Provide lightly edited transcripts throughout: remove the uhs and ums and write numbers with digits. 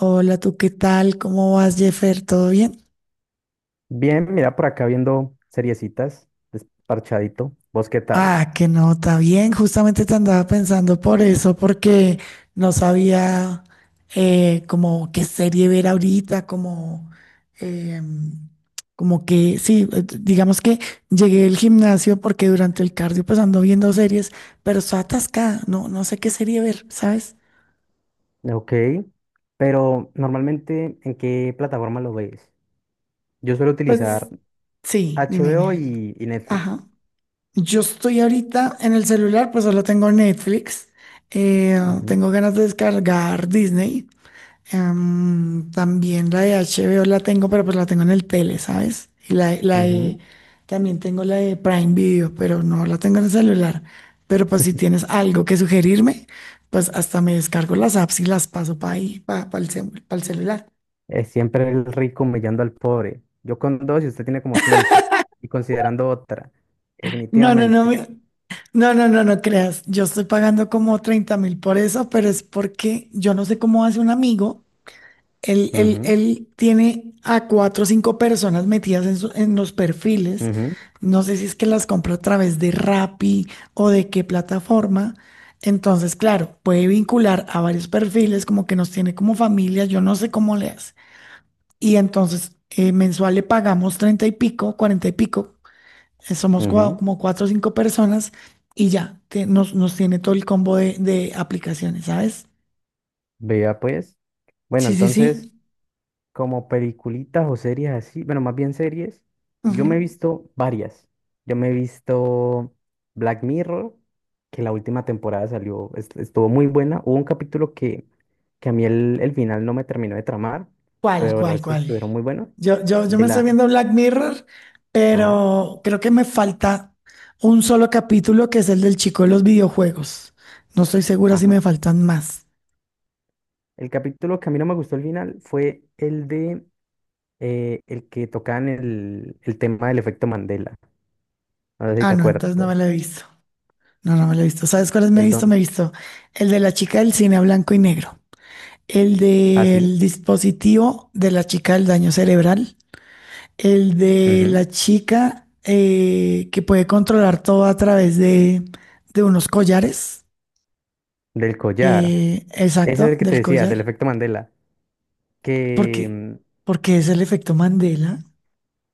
Hola, ¿tú qué tal? ¿Cómo vas, Jeffer? ¿Todo bien? Bien, mira, por acá viendo seriecitas, desparchadito. ¿Vos qué tal? Ah, qué nota, bien. Justamente te andaba pensando por eso, porque no sabía como qué serie ver ahorita, como, em, como que, sí, digamos que llegué al gimnasio porque durante el cardio pues ando viendo series, pero estoy atascada, no, no sé qué serie ver, ¿sabes? Ok, pero normalmente, ¿en qué plataforma lo ves? Yo suelo Pues utilizar sí, dime, HBO dime. y Netflix. Ajá. Yo estoy ahorita en el celular, pues solo tengo Netflix. eh, Ujú, Tengo ganas de descargar Disney. También la de HBO la tengo, pero pues la tengo en el tele, ¿sabes? Y ujú. también tengo la de Prime Video, pero no la tengo en el celular. Pero pues si tienes algo que sugerirme, pues hasta me descargo las apps y las paso para ahí, para el celular. Es siempre el rico humillando al pobre. Yo con dos y usted tiene como cinco. Y considerando otra, No, no, no. definitivamente. No, no, no, no creas. Yo estoy pagando como 30.000 por eso, pero es porque yo no sé cómo hace un amigo. Él, él, Ujú, él tiene a cuatro o cinco personas metidas en, en los perfiles. ujú, No sé si es que las compra a través de Rappi o de qué plataforma. Entonces, claro, puede vincular a varios perfiles, como que nos tiene como familia. Yo no sé cómo le hace. Y entonces, mensual le pagamos 30 y pico, 40 y pico somos ujú. como cuatro o cinco personas y ya, nos tiene todo el combo de aplicaciones, ¿sabes? Vea pues. Bueno, Sí, sí, entonces, sí. como peliculitas o series así, bueno, más bien series, yo me Ujú. he visto varias. Yo me he visto Black Mirror, que la última temporada salió, estuvo muy buena. Hubo un capítulo que a mí el final no me terminó de tramar, ¿Cuál, pero el cuál, resto cuál? estuvieron muy buenos. Yo De me estoy la... viendo Black Mirror, Ajá, pero creo que me falta un solo capítulo que es el del chico de los videojuegos. No estoy segura si ajá. me faltan más. El capítulo que a mí no me gustó el final fue el de... el que tocaban el tema del efecto Mandela. No sé si Ah, te no, entonces no me lo acuerdas. he visto. No, no me lo he visto. ¿Sabes cuáles me he El visto? Me don. he visto el de la chica del cine a blanco y negro, el Ah, sí. del dispositivo de la chica del daño cerebral. El de Ujú. la chica que puede controlar todo a través de unos collares. Del collar. Ese es Exacto, el que te del decía, collar. del efecto Mandela, Porque que mm, es el efecto Mandela.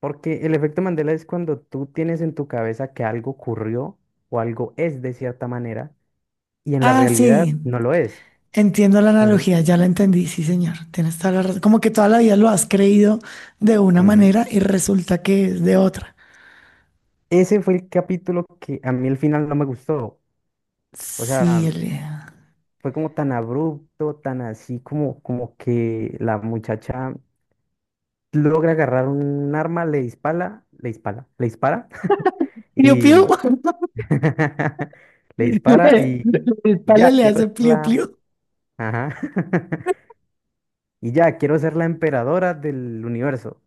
porque el efecto Mandela es cuando tú tienes en tu cabeza que algo ocurrió o algo es de cierta manera y en la Ah, realidad sí. no lo es. Entiendo la Ujú, analogía, ya la entendí, sí, señor. Tienes toda la razón. Como que toda la vida lo has creído de una ujú. manera y resulta que es de otra. Ese fue el capítulo que a mí al final no me gustó. O Sí, sea, el... fue como tan abrupto, tan así como, como que la muchacha logra agarrar un arma, le dispara, le dispara, le dispara. Piu, y piu. mm, Le dispara La y ya, espalda le quiero hace ser pliu, la... pliu. Ajá. Y ya, quiero ser la emperadora del universo.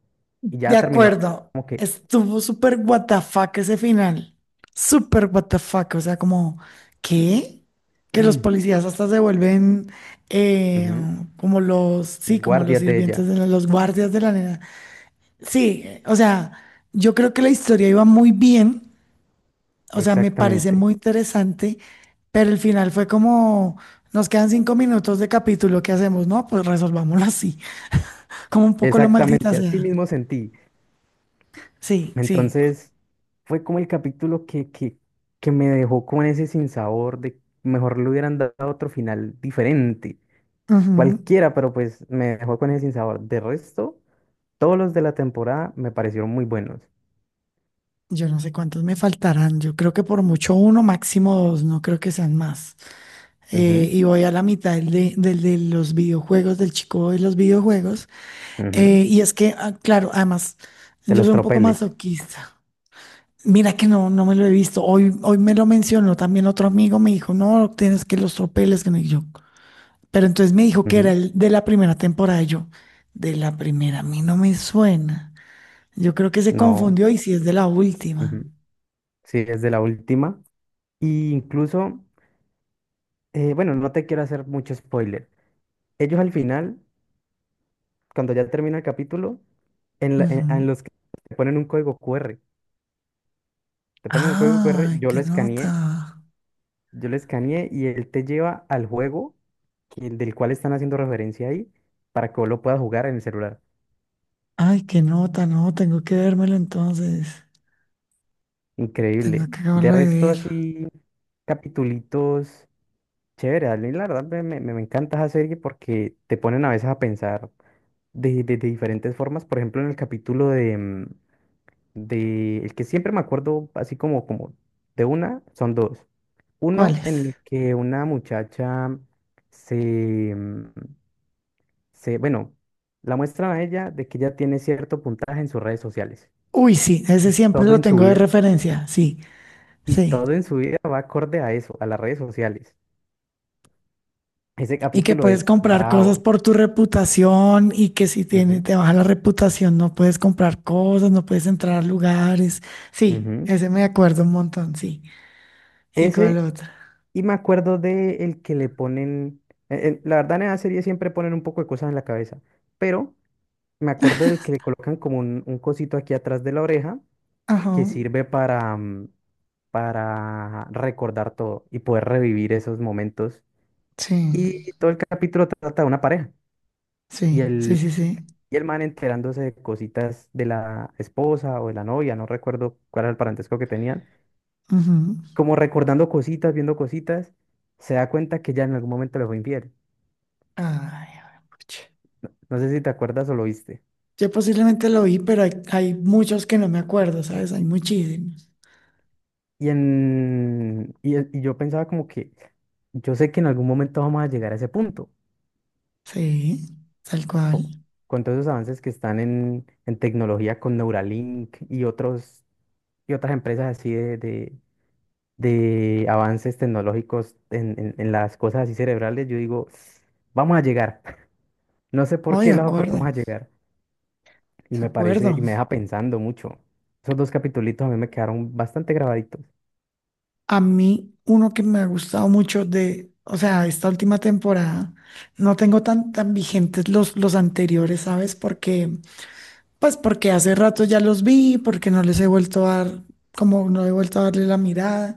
Y De ya terminó acuerdo, como que... estuvo súper what the fuck ese final. Súper what the fuck, o sea, como, ¿qué? Que los policías hasta se vuelven eh, Ujú. como los, sí, como Guardias de ella. Los guardias de la nena. Sí, o sea, yo creo que la historia iba muy bien, o sea, me parece Exactamente. muy interesante, pero el final fue como, nos quedan 5 minutos de capítulo, ¿qué hacemos? No, pues resolvámoslo así, como un poco lo maldita Exactamente. Así sea. mismo sentí. Sí, sí. Entonces, fue como el capítulo que me dejó con ese sinsabor de mejor le hubieran dado otro final diferente. Ujú. Cualquiera, pero pues me dejó con ese sinsabor. De resto... Todos los de la temporada me parecieron muy buenos. Yo no sé cuántos me faltarán. Yo creo que por mucho uno, máximo dos, no creo que sean más. Ujú, Y voy a la mitad del de los videojuegos, del chico de los videojuegos. ujú. Y es que, ah, claro, además, De yo los soy un poco tropeles. masoquista. Mira que no, no me lo he visto. Hoy me lo mencionó también otro amigo, me dijo, no, tienes que los tropeles, que no y yo. Pero entonces me dijo que era Ujú. el de la primera temporada. Y yo, de la primera, a mí no me suena. Yo creo que se No. confundió y si es de la última. Ujú. Sí, es de la última. Y incluso, bueno, no te quiero hacer mucho spoiler. Ellos al final, cuando ya termina el capítulo, en los que te ponen un código QR. Te ponen un código QR, ¡Ay, qué nota! yo lo escaneé y él te lleva al juego del cual están haciendo referencia ahí para que vos lo puedas jugar en el celular. ¡Ay, qué nota! No, tengo que vérmelo entonces. Tengo Increíble. que De acabarlo de resto, ver. así, capitulitos chéveres. A mí, la verdad, me encanta esa serie porque te ponen a veces a pensar de diferentes formas. Por ejemplo, en el capítulo de... El que siempre me acuerdo, así como, como de una, son dos. ¿Cuál Uno en es? el que una muchacha se, mm, bueno, la muestran a ella de que ella tiene cierto puntaje en sus redes sociales. Uy, sí, ese Y siempre todo lo en su tengo de vida referencia. Sí, Y sí. todo en su vida va acorde a eso, a las redes sociales. Ese Y que capítulo puedes es comprar cosas bravo. por tu reputación y que si tiene, Ujú, te baja la reputación no puedes comprar cosas, no puedes entrar a lugares. Sí, ujú. ese me acuerdo un montón, sí. ¿Y cuál Ese, otra? y me acuerdo de el que le ponen, la verdad en la serie siempre ponen un poco de cosas en la cabeza, pero me acuerdo del que le colocan como un cosito aquí atrás de la oreja Ajá, que sirve para, para recordar todo y poder revivir esos momentos. sí, Y todo el capítulo trata de una pareja. y sí, el sí, sí, sí. Y el man enterándose de cositas de la esposa o de la novia, no recuerdo cuál era el parentesco que tenían, Ujú. como recordando cositas, viendo cositas, se da cuenta que ya en algún momento le fue infiel. Ay, a ver, pucha. No sé si te acuerdas o lo viste. Yo posiblemente lo vi, pero hay muchos que no me acuerdo, ¿sabes? Hay muchísimos. Y yo pensaba como que yo sé que en algún momento vamos a llegar a ese punto, Sí, tal cual. con todos esos avances que están en tecnología con Neuralink y otros, y otras empresas así de avances tecnológicos en las cosas así cerebrales, yo digo, vamos a llegar. No sé No, por de qué lado, pero vamos acuerdo, a llegar. Y de me parece, acuerdo. y me deja pensando mucho. Esos dos capitulitos a mí me quedaron bastante grabaditos. A mí, uno que me ha gustado mucho de, o sea, esta última temporada, no tengo tan, tan vigentes los anteriores, ¿sabes? Porque, pues porque hace rato ya los vi, porque no les he vuelto a dar, como no he vuelto a darle la mirada.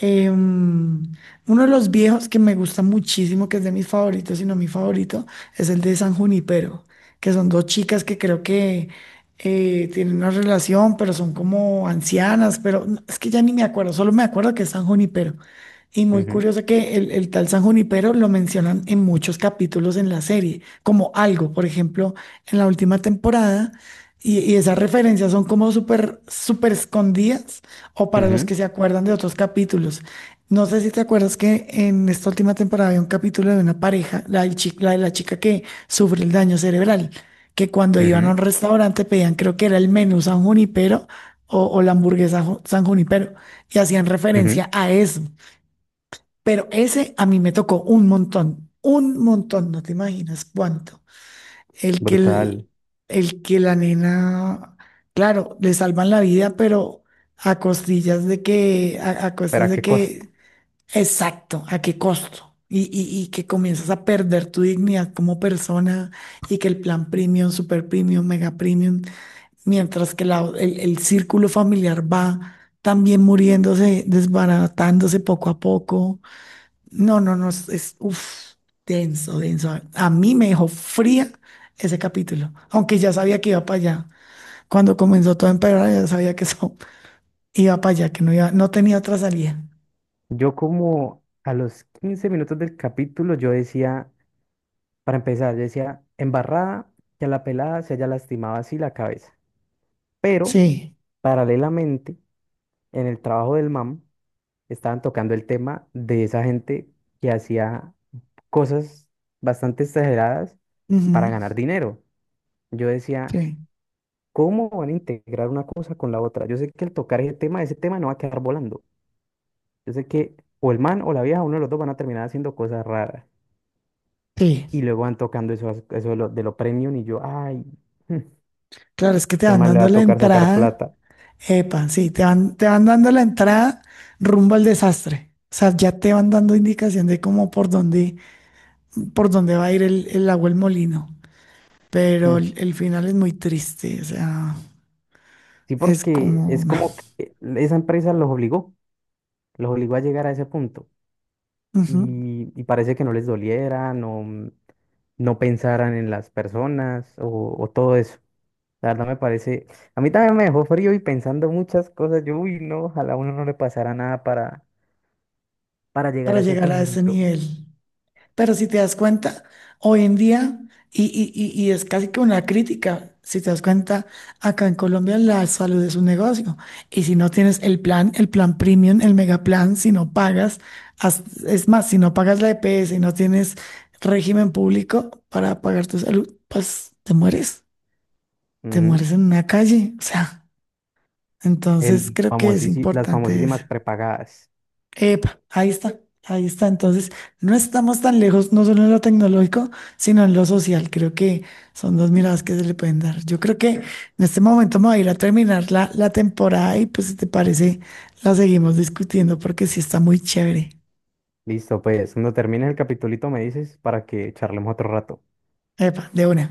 Em, Uno de los viejos que me gusta muchísimo, que es de mis favoritos, si no mi favorito, es el de San Junipero, que son dos chicas que creo que tienen una relación, pero son como ancianas, pero es que ya ni me acuerdo, solo me acuerdo que es San Junipero. Y muy Ujú, curioso que el tal San Junipero lo mencionan en muchos capítulos en la serie, como algo, por ejemplo, en la última temporada, y esas referencias son como súper, súper escondidas o para los que ujú, se acuerdan de otros capítulos. No sé si te acuerdas que en esta última temporada había un capítulo de una pareja, la, la de la chica que sufre el daño cerebral, que cuando iban a un ujú, restaurante pedían, creo que era el menú San Junipero o la hamburguesa San Junipero, y hacían ujú. referencia a eso. Pero ese a mí me tocó un montón, no te imaginas cuánto. El que, Brutal. el, el que la nena, claro, le salvan la vida, pero a costillas de que, a ¿Pero costas a de qué costo? que, exacto, a qué costo. Y que comienzas a perder tu dignidad como persona y que el plan premium, super premium, mega premium, mientras que el círculo familiar va también muriéndose, desbaratándose poco a poco. No, no, no, es, uf, denso, denso. A mí me dejó fría ese capítulo, aunque ya sabía que iba para allá. Cuando comenzó todo a empeorar, ya sabía que eso iba para allá, que no iba, no tenía otra salida. Yo como a los 15 minutos del capítulo, yo decía, para empezar, yo decía, embarrada, que a la pelada se haya lastimado así la cabeza. Pero, Sí, paralelamente, en el trabajo del mam, estaban tocando el tema de esa gente que hacía cosas bastante exageradas para ujú, ganar dinero. Yo decía, sí, ¿cómo van a integrar una cosa con la otra? Yo sé que al tocar ese tema no va a quedar volando. Yo sé que o el man o la vieja, uno de los dos van a terminar haciendo cosas raras. sí. Y luego van tocando eso, eso de de lo premium y yo, ay, mm, Claro, es que te ese van man le va dando a la tocar sacar entrada, plata. epa, sí, te van dando la entrada rumbo al desastre. O sea, ya te van dando indicación de cómo por dónde va a ir el agua el molino. Pero Mm. El final es muy triste, o sea. Sí, Es porque como es como que esa empresa los obligó a llegar a ese punto. ujú, Y parece que no les doliera, no pensaran en las personas o todo eso. La verdad me parece, a mí también me dejó frío y pensando muchas cosas. Yo, uy, no, ojalá a uno no le pasara nada para, para llegar para a ese llegar a ese punto. nivel. Pero si te das cuenta, hoy en día, y es casi que una crítica, si te das cuenta, acá en Colombia la salud es un negocio. Y si no tienes el plan premium, el mega plan, si no pagas, es más, si no pagas la EPS y no tienes régimen público para pagar tu salud, pues te Ujú. mueres en una calle. O sea, entonces creo que es Las importante eso. famosísimas prepagadas. Epa, ahí está, ahí está. Entonces, no estamos tan lejos, no solo en lo tecnológico, sino en lo social. Creo que son dos miradas que se le pueden dar. Yo creo que en este momento me voy a ir a terminar la, la temporada y pues si te parece, la seguimos discutiendo porque sí está muy chévere. Listo, pues, cuando termine el capitulito me dices para que charlemos otro rato. Epa, de una.